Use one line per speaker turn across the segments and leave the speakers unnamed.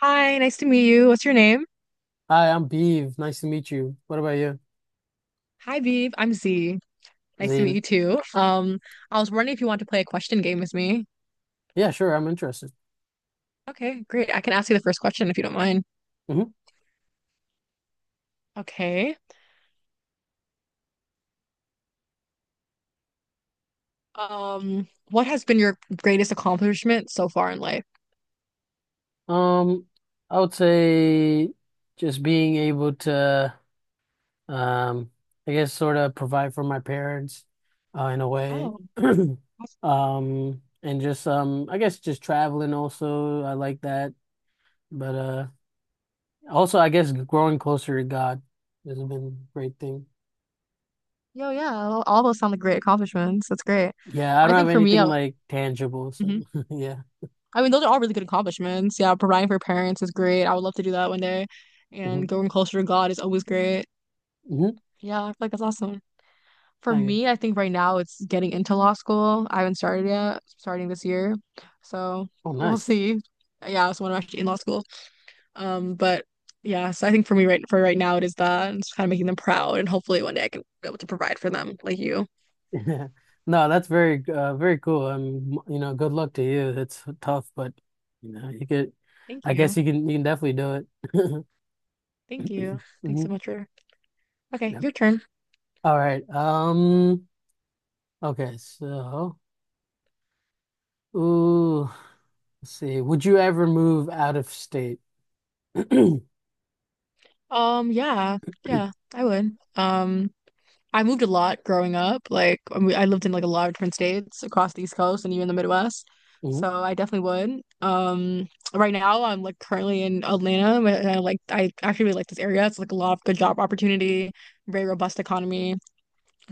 Hi, nice to meet you. What's your name?
Hi, I'm Beav. Nice to meet you. What about you,
Hi, Beeb. I'm Z. Nice to meet you
Zain?
too. I was wondering if you want to play a question game with me.
Yeah, sure. I'm interested.
Okay, great. I can ask you the first question if you don't mind.
Hmm
Okay. What has been your greatest accomplishment so far in life?
Um, I would say just being able to, um, I guess, sort of provide for my parents, in a way.
Oh, that's-
And just, I guess, just traveling also. I like that. But also, I guess, growing closer to God has been a great thing.
yeah. All those sound like great accomplishments. That's great.
Yeah, I
I
don't have
think for me,
anything
I,
like tangible. So
Mhm.
yeah.
I mean, those are all really good accomplishments. Yeah, providing for parents is great. I would love to do that one day. And
hmm
going closer to God is always great.
hmm
Yeah, I feel like that's awesome. For
Thank you.
me, I think right now it's getting into law school. I haven't started yet, starting this year. So
Oh,
we'll
nice.
see. Yeah, so when I'm actually in law school. But yeah, so I think for me for right now it is that, and it's kind of making them proud and hopefully one day I can be able to provide for them like you.
No, that's very cool. You know, good luck to you. It's tough, but you know, you could
Thank
I guess
you.
you can definitely do it.
Thank you. Thanks
hmm
so much for okay,
Yep.
your turn.
All right. Okay, so ooh, let's see. Would you ever move out of state?
Yeah, yeah, I would. I moved a lot growing up. Like I I lived in like a lot of different states across the East Coast and even the Midwest.
Mhm.
So I definitely would. Right now I'm like currently in Atlanta, but I like I actually really like this area. It's like a lot of good job opportunity, very robust economy.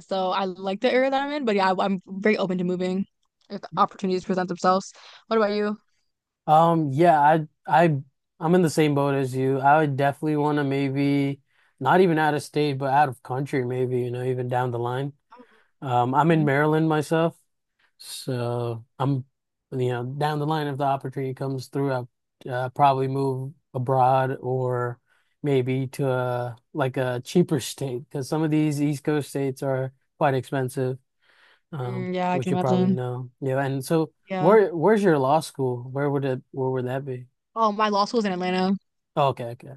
So I like the area that I'm in, but yeah, I am very open to moving if the opportunities present themselves. What about you?
Yeah, I I'm in the same boat as you. I would definitely want to maybe not even out of state, but out of country maybe, you know, even down the line. I'm in
Mhm.
Maryland myself, so I'm, you know, down the line if the opportunity comes through, I'll probably move abroad or maybe to a like a cheaper state because some of these East Coast states are quite expensive,
Mm, yeah, I
which
can
you probably
imagine.
know. Yeah, and so
Yeah.
where's your law school? Where would it where would that be?
Oh, my law school's in Atlanta.
Oh, okay.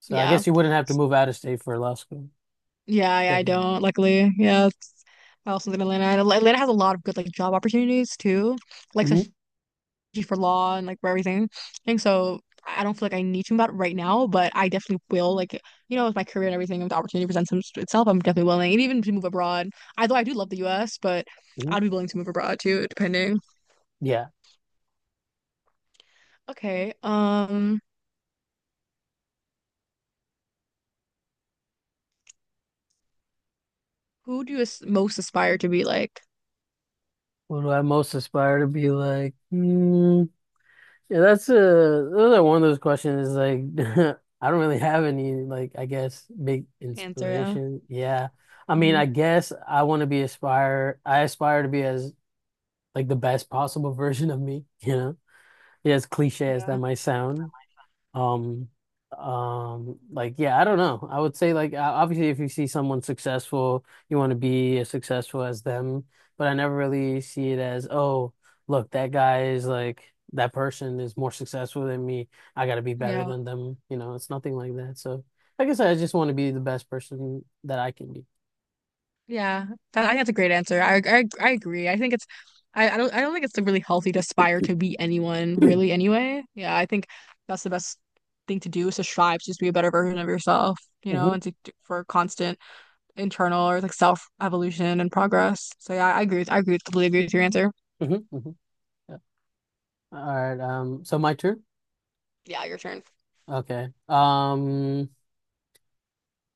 So I
Yeah.
guess you wouldn't have to
S-
move out of state for law school.
Yeah, yeah, I
Technically.
don't, luckily. Yeah, I also live in Atlanta. And Atlanta has a lot of good like job opportunities too, like
Mhm,
especially for law and like for everything. And so I don't feel like I need to move out right now, but I definitely will. Like you know, with my career and everything, if the opportunity itself, I'm definitely willing. And even to move abroad, I though I do love the U.S., but
mhm.
I'd be willing to move abroad too, depending.
Yeah.
Okay. Who do you most aspire to be like?
What do I most aspire to be like? Hmm. Yeah, that's another one of those questions is like I don't really have any like I guess big
Answer. Yeah.
inspiration. Yeah. I mean,
Hmm.
I guess I want to be aspire I aspire to be as like the best possible version of me, you know? Yeah, as cliche as that
Yeah.
might sound. Um, like yeah, I don't know. I would say like obviously if you see someone successful, you want to be as successful as them, but I never really see it as, oh, look, that person is more successful than me. I gotta be better
Yeah.
than them. You know, it's nothing like that. So like I said, I just want to be the best person that I can be.
Yeah, I think that's a great answer. I agree. I think it's I don't I don't think it's really healthy to aspire to be anyone really anyway. Yeah, I think that's the best thing to do is to strive to just be a better version of yourself, you know,
hmm
and to for constant internal or like self evolution and progress. So yeah, I agree completely agree with your answer.
hmm hmm Yeah. All right. So my turn.
Yeah, your turn.
Okay.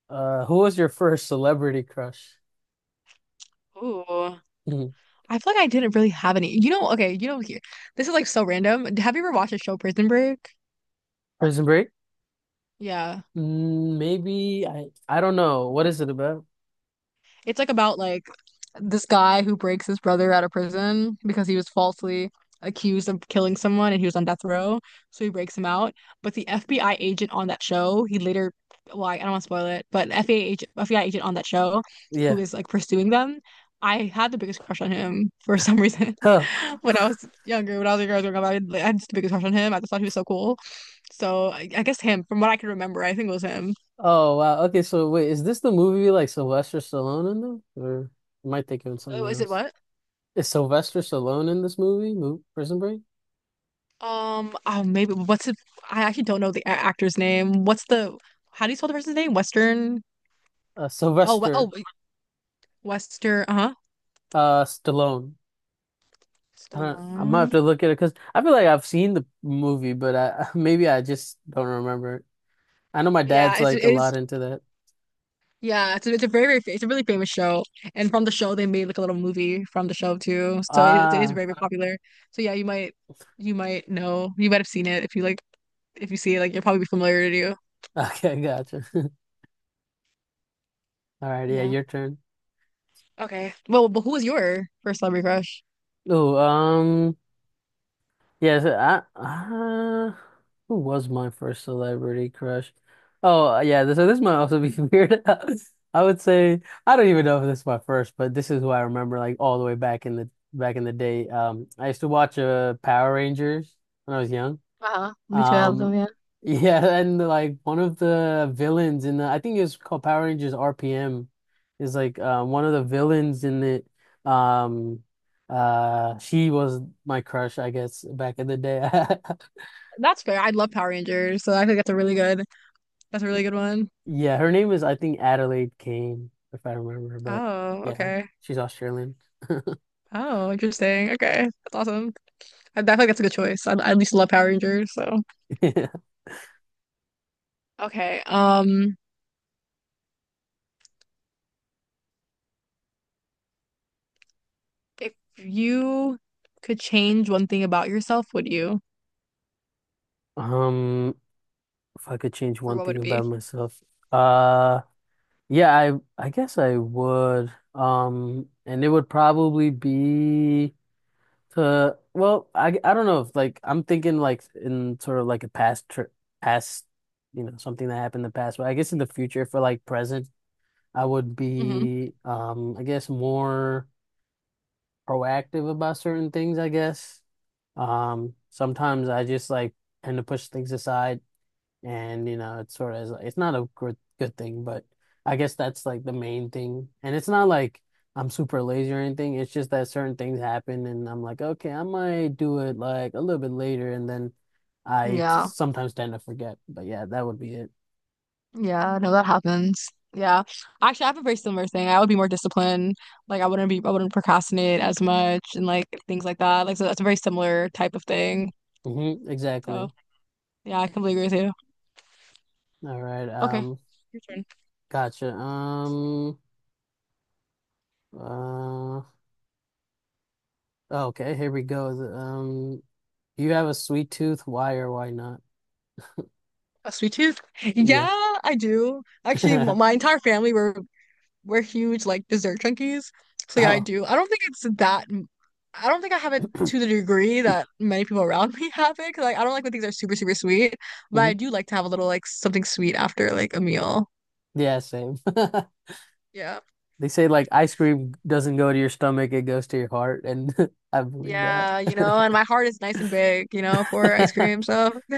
Who was your first celebrity crush?
Ooh. I feel like I didn't really have any. You know, okay, you know here. This is like so random. Have you ever watched the show Prison Break?
Prison Break?
Yeah.
Mm, maybe I don't know. What is it about?
It's like about like this guy who breaks his brother out of prison because he was falsely accused of killing someone and he was on death row. So he breaks him out. But the FBI agent on that show, he later, well, I don't want to spoil it, but FBI agent on that show who
Yeah.
is like pursuing them, I had the biggest crush on him for some reason
Huh.
when I was younger, when I was a girl growing up, I had, like, I had just the biggest crush on him. I just thought he was so cool. So I guess him, from what I can remember, I think it was him.
Oh wow. Okay, so wait, is this the movie like Sylvester Stallone in them? Or am I thinking of
Oh,
something
is it
else?
what?
Is Sylvester Stallone in this movie? Mo Prison Break?
Oh, maybe what's it? I actually don't know the actor's name. What's the? How do you spell the person's name? Western. Oh, oh,
Sylvester
wait, Western. Uh-huh.
Stallone. I don't, I might have
Stallone.
to look at it because I feel like I've seen the movie, but I maybe I just don't remember it. I know my
Yeah,
dad's
it's
like
it
a
is.
lot into that.
Yeah, it's a, it's a it's a really famous show, and from the show they made like a little movie from the show too. So it is
Ah,
very very popular. So yeah, you might know you might have seen it if you like if you see it like you'll probably be familiar to you.
okay, gotcha. All right, yeah,
Yeah.
your turn.
Okay. Well, but who was your first celebrity crush?
Oh. Yes, who was my first celebrity crush? Oh, yeah, so this might also be weird. I would say I don't even know if this is my first, but this is who I remember like all the way back in the day. I used to watch Power Rangers when I was young.
Uh-huh. Me too, I love
Um,
them, yeah.
yeah, and like one of the villains in the I think it's called Power Rangers RPM is like one of the villains in it. Um, she was my crush, I guess, back in the day.
That's fair. I love Power Rangers, so I think that's a really good that's a really good one.
Yeah, her name is I think Adelaide Kane, if I remember, but
Oh,
yeah,
okay.
she's Australian.
Oh, interesting. Okay. That's awesome. I feel like that's a good choice. I at least love Power Rangers, so
Yeah.
okay. If you could change one thing about yourself, would you?
Um, if I could change
Or
one
what would
thing
it be?
about myself, uh, yeah, I guess I would. And it would probably be. To well, I don't know if like I'm thinking like in sort of like a past trip, past you know something that happened in the past. But I guess in the future for like present, I would
Hmm.
be I guess more proactive about certain things. I guess sometimes I just like tend to push things aside and you know it's sort of it's not a good thing but I guess that's like the main thing and it's not like I'm super lazy or anything it's just that certain things happen and I'm like okay I might do it like a little bit later and then I
Yeah.
sometimes tend to forget but yeah that would be it.
Yeah, no, that happens. Yeah. Actually, I have a very similar thing. I would be more disciplined. Like I wouldn't procrastinate as much and like things like that. Like so that's a very similar type of thing.
Hmm
So
exactly.
yeah, I completely agree with you.
All right,
Okay,
um,
your turn.
gotcha, uh okay, here we go. Do you have a sweet tooth, why or why not?
A sweet tooth?
Yeah.
Yeah, I do. Actually, my entire family were we're huge like dessert junkies. So yeah, I
Oh.
do. I don't think it's I don't think I have it to the degree that many people around me have it. 'Cause like I don't like when things are super sweet, but I do like to have a little like something sweet after like a meal.
Yeah, same.
Yeah.
They say like ice cream doesn't go to your stomach, it goes to your heart, and I believe that.
Yeah, you know, and my heart is nice and big, you know, for ice cream. So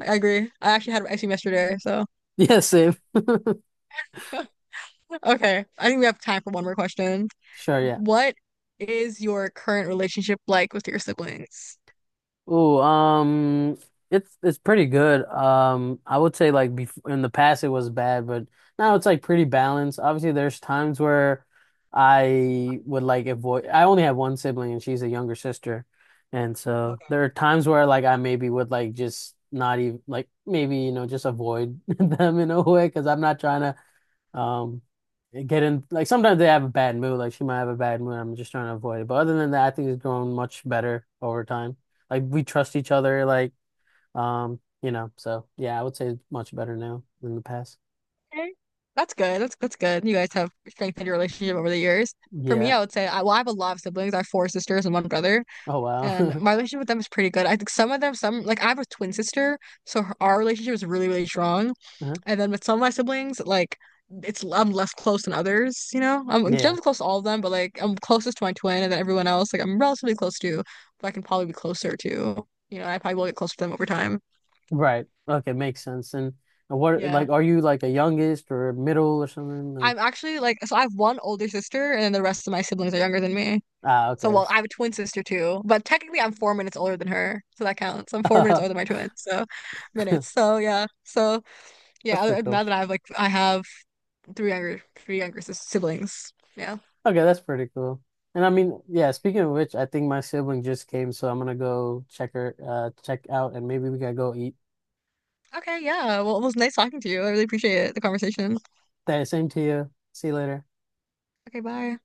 I agree. I actually had ice cream yesterday. So
Yeah, same.
okay, I think we have time for one more question.
Sure, yeah.
What is your current relationship like with your siblings?
Ooh, it's pretty good. I would say like before in the past it was bad, but now it's like pretty balanced. Obviously, there's times where I would like avoid. I only have one sibling, and she's a younger sister, and so
Okay.
there are times where like I maybe would like just not even like maybe you know just avoid them in a way because I'm not trying to um, get in like sometimes they have a bad mood. Like she might have a bad mood. I'm just trying to avoid it. But other than that, I think it's grown much better over time. Like we trust each other. Like you know. So yeah, I would say it's much better now than the past.
Okay. That's good. That's good. You guys have strengthened your relationship over the years. For me,
Yeah.
I would say well, I have a lot of siblings. I have four sisters and one brother.
Oh wow.
And my relationship with them is pretty good. I think some of them, some like I have a twin sister, so her, our relationship is really, really strong.
Uh-huh.
And then with some of my siblings, like it's I'm less close than others, you know? I'm
Yeah.
generally close to all of them, but like I'm closest to my twin, and then everyone else, like I'm relatively close to, but I can probably be closer to, you know, I probably will get closer to them over time.
Right. Okay. Makes sense. And what
Yeah.
like are you like a youngest or middle or something like?
I'm actually like, so I have one older sister, and then the rest of my siblings are younger than me.
Ah,
So,
okay.
well, I have a twin sister too, but technically I'm four minutes older than her, so that counts. I'm four minutes older than my twin, so minutes. So yeah, so
That's
yeah.
pretty
Other than
cool.
that, I have like I have three younger siblings. Yeah.
Okay, that's pretty cool. And I mean, yeah, speaking of which, I think my sibling just came, so I'm gonna go check her, check out, and maybe we gotta go eat.
Okay. Yeah. Well, it was nice talking to you. I really appreciate it, the conversation.
That same to you. See you later.
Okay. Bye.